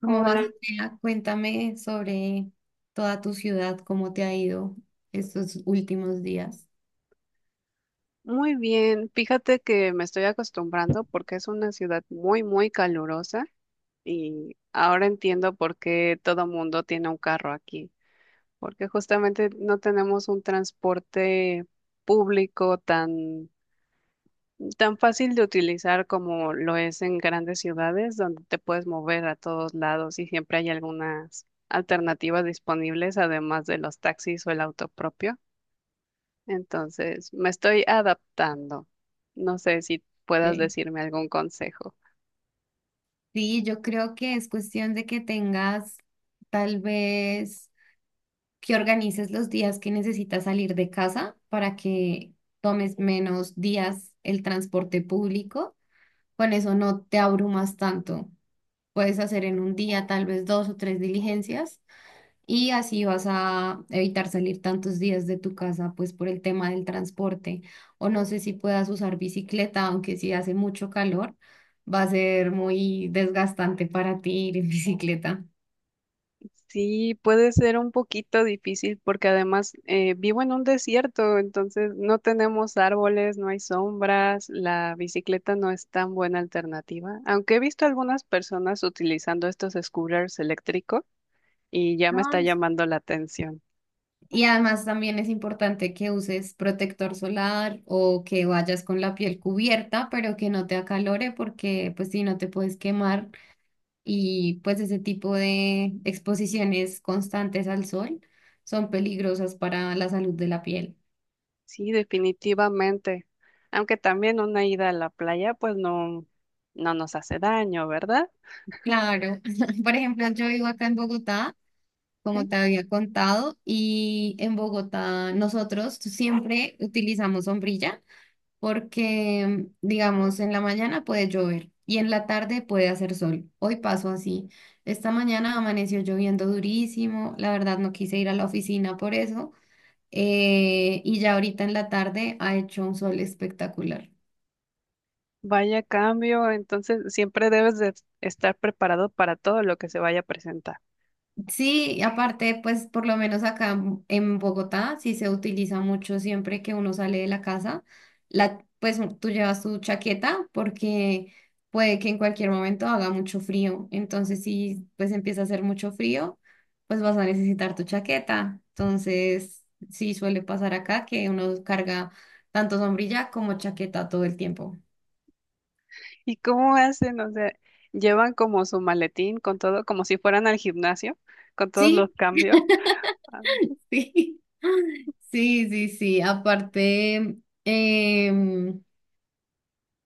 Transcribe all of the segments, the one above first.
¿Cómo Hola, vas, Andrea? Cuéntame sobre toda tu ciudad, cómo te ha ido estos últimos días. muy bien. Fíjate que me estoy acostumbrando porque es una ciudad muy, muy calurosa y ahora entiendo por qué todo mundo tiene un carro aquí, porque justamente no tenemos un transporte público tan, tan fácil de utilizar como lo es en grandes ciudades donde te puedes mover a todos lados y siempre hay algunas alternativas disponibles además de los taxis o el auto propio. Entonces, me estoy adaptando. No sé si puedas Ok. decirme algún consejo. Sí, yo creo que es cuestión de que tengas tal vez que organices los días que necesitas salir de casa para que tomes menos días el transporte público. Con eso no te abrumas tanto. Puedes hacer en un día tal vez dos o tres diligencias. Y así vas a evitar salir tantos días de tu casa, pues por el tema del transporte. O no sé si puedas usar bicicleta, aunque si hace mucho calor, va a ser muy desgastante para ti ir en bicicleta. Sí, puede ser un poquito difícil porque además vivo en un desierto, entonces no tenemos árboles, no hay sombras, la bicicleta no es tan buena alternativa, aunque he visto algunas personas utilizando estos scooters eléctricos y ya me Ah, está s- llamando la atención. Y además también es importante que uses protector solar o que vayas con la piel cubierta, pero que no te acalore porque pues si no te puedes quemar y pues ese tipo de exposiciones constantes al sol son peligrosas para la salud de la piel. Sí, definitivamente. Aunque también una ida a la playa, pues no, no nos hace daño, ¿verdad? Claro, por ejemplo, yo vivo acá en Bogotá, como Sí. te había contado, y en Bogotá nosotros siempre utilizamos sombrilla porque, digamos, en la mañana puede llover y en la tarde puede hacer sol. Hoy pasó así. Esta mañana amaneció lloviendo durísimo, la verdad no quise ir a la oficina por eso y ya ahorita en la tarde ha hecho un sol espectacular. Vaya cambio, entonces siempre debes de estar preparado para todo lo que se vaya a presentar. Sí, y aparte, pues por lo menos acá en Bogotá sí se utiliza mucho siempre que uno sale de la casa, la, pues tú llevas tu chaqueta porque puede que en cualquier momento haga mucho frío. Entonces, si pues empieza a hacer mucho frío, pues vas a necesitar tu chaqueta. Entonces, sí suele pasar acá que uno carga tanto sombrilla como chaqueta todo el tiempo. ¿Y cómo hacen? O sea, llevan como su maletín con todo, como si fueran al gimnasio, con todos los Sí. cambios. Ah. Sí, sí, sí, sí. Aparte, em,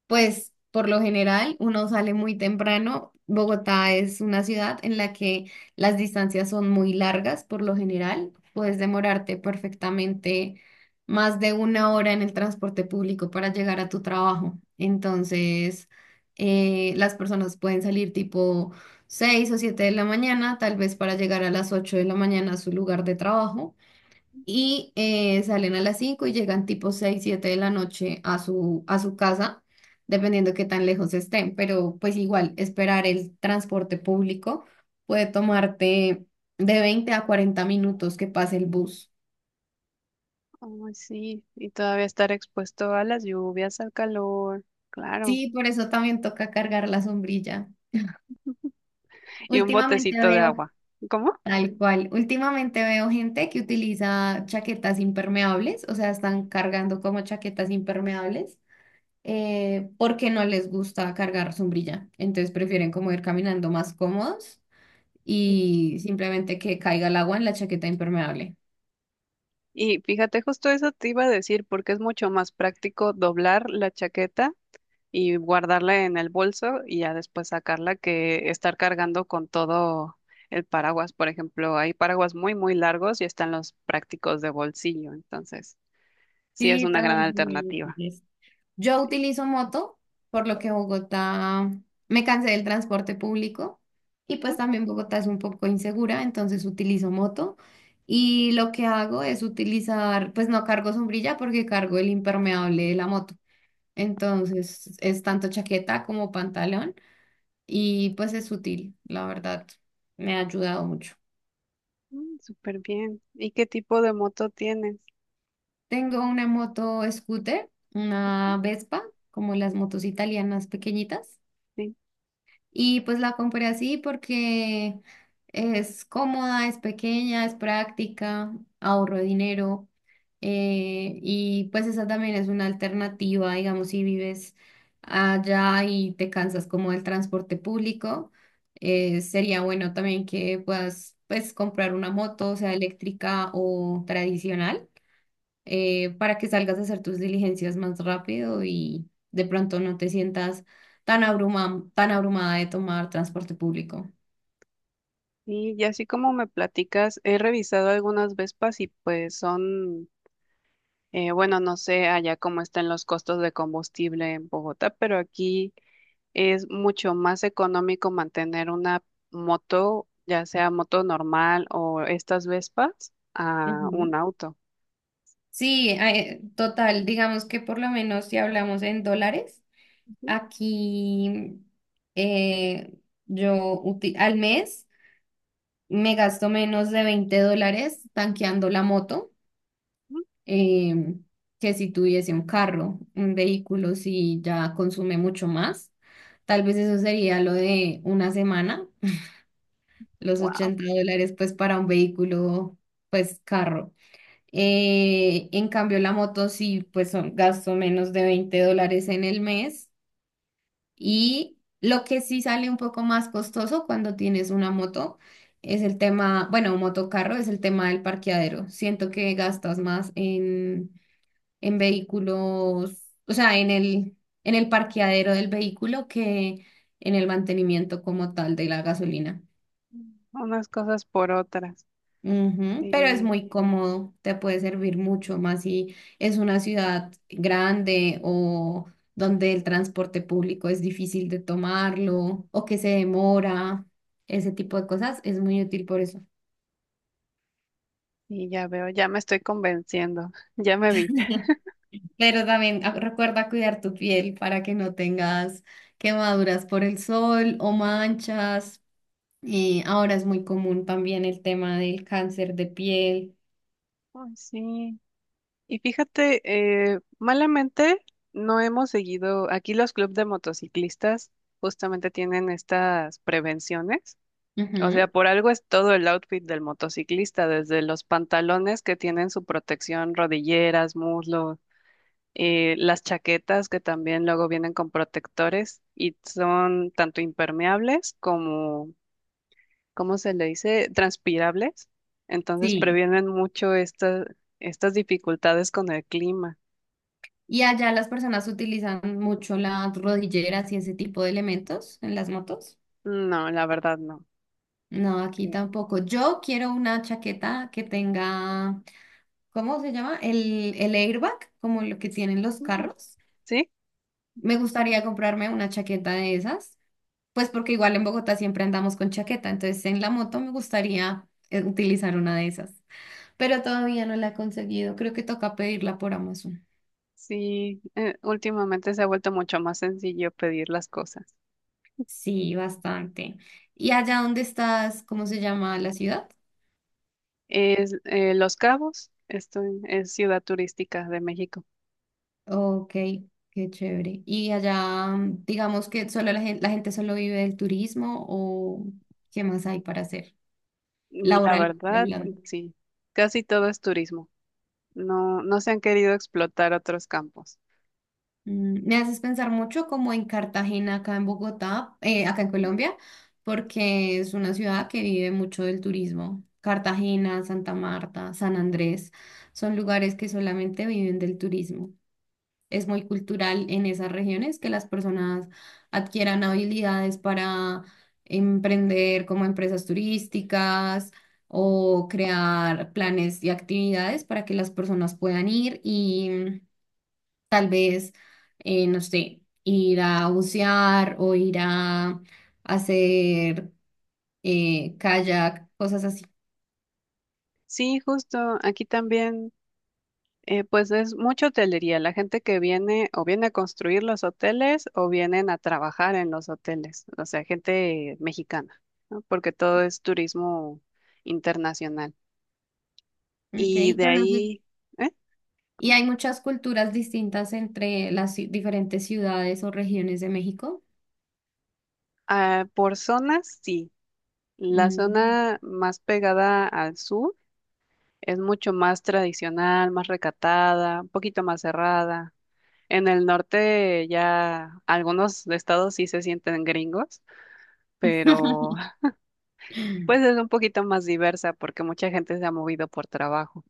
pues por lo general uno sale muy temprano. Bogotá es una ciudad en la que las distancias son muy largas, por lo general. Puedes demorarte perfectamente más de una hora en el transporte público para llegar a tu trabajo. Entonces, las personas pueden salir tipo 6 o 7 de la mañana, tal vez para llegar a las 8 de la mañana a su lugar de trabajo y salen a las 5 y llegan tipo 6, 7 de la noche a su casa, dependiendo qué tan lejos estén, pero pues igual esperar el transporte público puede tomarte de 20 a 40 minutos que pase el bus. Ay, sí, y todavía estar expuesto a las lluvias, al calor, claro, Sí, por eso también toca cargar la sombrilla. y un Últimamente botecito de veo, agua. ¿Cómo? tal cual, últimamente veo gente que utiliza chaquetas impermeables, o sea, están cargando como chaquetas impermeables porque no les gusta cargar sombrilla. Entonces prefieren como ir caminando más cómodos y simplemente que caiga el agua en la chaqueta impermeable. Y fíjate, justo eso te iba a decir, porque es mucho más práctico doblar la chaqueta y guardarla en el bolso y ya después sacarla que estar cargando con todo el paraguas. Por ejemplo, hay paraguas muy, muy largos y están los prácticos de bolsillo. Entonces, sí es Sí, una gran también son muy alternativa. útiles. Yo Sí. utilizo moto, por lo que Bogotá, me cansé del transporte público y pues también Bogotá es un poco insegura, entonces utilizo moto. Y lo que hago es utilizar, pues no cargo sombrilla porque cargo el impermeable de la moto. Entonces es tanto chaqueta como pantalón y pues es útil, la verdad, me ha ayudado mucho. Ujú, súper bien. ¿Y qué tipo de moto tienes? Tengo una moto scooter, una Vespa, como las motos italianas pequeñitas. Sí. Y pues la compré así porque es cómoda, es pequeña, es práctica, ahorro dinero. Y pues esa también es una alternativa, digamos, si vives allá y te cansas como del transporte público, sería bueno también que puedas pues comprar una moto, sea eléctrica o tradicional, para que salgas a hacer tus diligencias más rápido y de pronto no te sientas tan abrumada de tomar transporte público. Y así como me platicas, he revisado algunas Vespas y pues son, bueno, no sé allá cómo están los costos de combustible en Bogotá, pero aquí es mucho más económico mantener una moto, ya sea moto normal o estas Vespas, a un Ujú. auto. Sí, total, digamos que por lo menos si hablamos en dólares, aquí, eh, al mes me gasto menos de 20 dólares tanqueando la moto. eh, que si tuviese un carro, un vehículo, si ya consume mucho más. Tal vez eso sería lo de una semana, los Wow, 80 dólares pues para un vehículo, pues carro. En cambio la moto sí pues son, gasto menos de 20 dólares en el mes, y lo que sí sale un poco más costoso cuando tienes una moto. Es el tema, bueno, un motocarro es el tema del parqueadero. Siento que gastas más en vehículos, o sea, en el parqueadero del vehículo que en el mantenimiento como tal de la gasolina. unas cosas por otras. Ujú. Pero es Sí, muy cómodo, te puede servir mucho más si es una ciudad grande o donde el transporte público es difícil de tomarlo o que se demora, ese tipo de cosas, es muy útil por eso. y ya veo, ya me estoy convenciendo, ya me vi. Pero también recuerda cuidar tu piel para que no tengas quemaduras por el sol o manchas. Ahora es muy común también el tema del cáncer de piel. Ay, sí. Y fíjate, malamente no hemos seguido, aquí los clubes de motociclistas justamente tienen estas prevenciones. O sea, Ujú, por algo es todo el outfit del motociclista, desde los pantalones que tienen su protección, rodilleras, muslos, las chaquetas que también luego vienen con protectores y son tanto impermeables como, ¿cómo se le dice? Transpirables. Entonces sí. previenen mucho esta- estas dificultades con el clima. ¿Y allá las personas utilizan mucho las rodilleras y ese tipo de elementos en las motos? No, la verdad no. No, aquí Sí. tampoco. Yo quiero una chaqueta que tenga, ¿cómo se llama? El airbag, como lo que tienen los Mm, carros. sí, Me gustaría comprarme una chaqueta de esas, pues porque igual en Bogotá siempre andamos con chaqueta, entonces en la moto me gustaría utilizar una de esas. Pero todavía no la he conseguido. Creo que toca pedirla por Amazon. sí, últimamente se ha vuelto mucho más sencillo pedir las cosas. Sí, bastante. ¿Y allá dónde estás? ¿Cómo se llama la ciudad? Es Los Cabos, esto es ciudad turística de México. Ok, qué chévere. ¿Y allá, digamos que solo la gente solo vive del turismo o qué más hay para hacer? Mm, la Laboral, verdad, hablando. sí, casi todo es turismo. No, no se han querido explotar otros campos. Me haces pensar mucho como en Cartagena, acá en Bogotá, acá en Colombia, porque es una ciudad que vive mucho del turismo. Cartagena, Santa Marta, San Andrés, son lugares que solamente viven del turismo. Es muy cultural en esas regiones que las personas adquieran habilidades para emprender como empresas turísticas o crear planes y actividades para que las personas puedan ir. Tal vez, no sé, ir a bucear o ir a hacer, kayak, cosas así. Sí, justo aquí también, pues es mucha hotelería. La gente que viene o viene a construir los hoteles o vienen a trabajar en los hoteles, o sea, gente mexicana, ¿no? Porque todo es turismo internacional. Ok, Y y de conoces. ahí, ¿eh? Y hay muchas culturas distintas entre las diferentes ciudades o regiones de México. Ah, por zonas, sí. La Mm. zona más pegada al sur es mucho más tradicional, más recatada, un poquito más cerrada. En el norte ya algunos estados sí se sienten gringos, pero pues es un poquito más diversa porque mucha gente se ha movido por trabajo.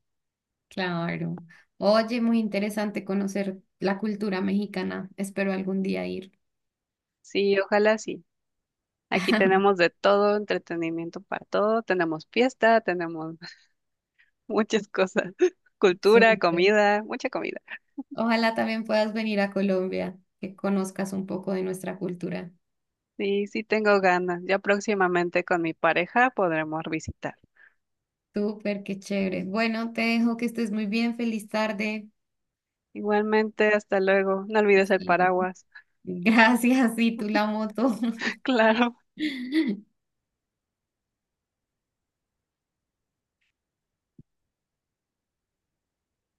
Claro. Oye, muy interesante conocer la cultura mexicana. Espero algún día ir. Sí, ojalá sí. Aquí tenemos de todo, entretenimiento para todo, tenemos fiesta, tenemos muchas cosas, cultura, Súper. comida, mucha comida. Ojalá también puedas venir a Colombia, que conozcas un poco de nuestra cultura. Sí, sí tengo ganas. Ya próximamente con mi pareja podremos visitar. Súper, qué chévere. Bueno, te dejo que estés muy bien. Feliz tarde. Igualmente, hasta luego. No olvides el Hasta luego. paraguas. Gracias, y tú la moto. Claro.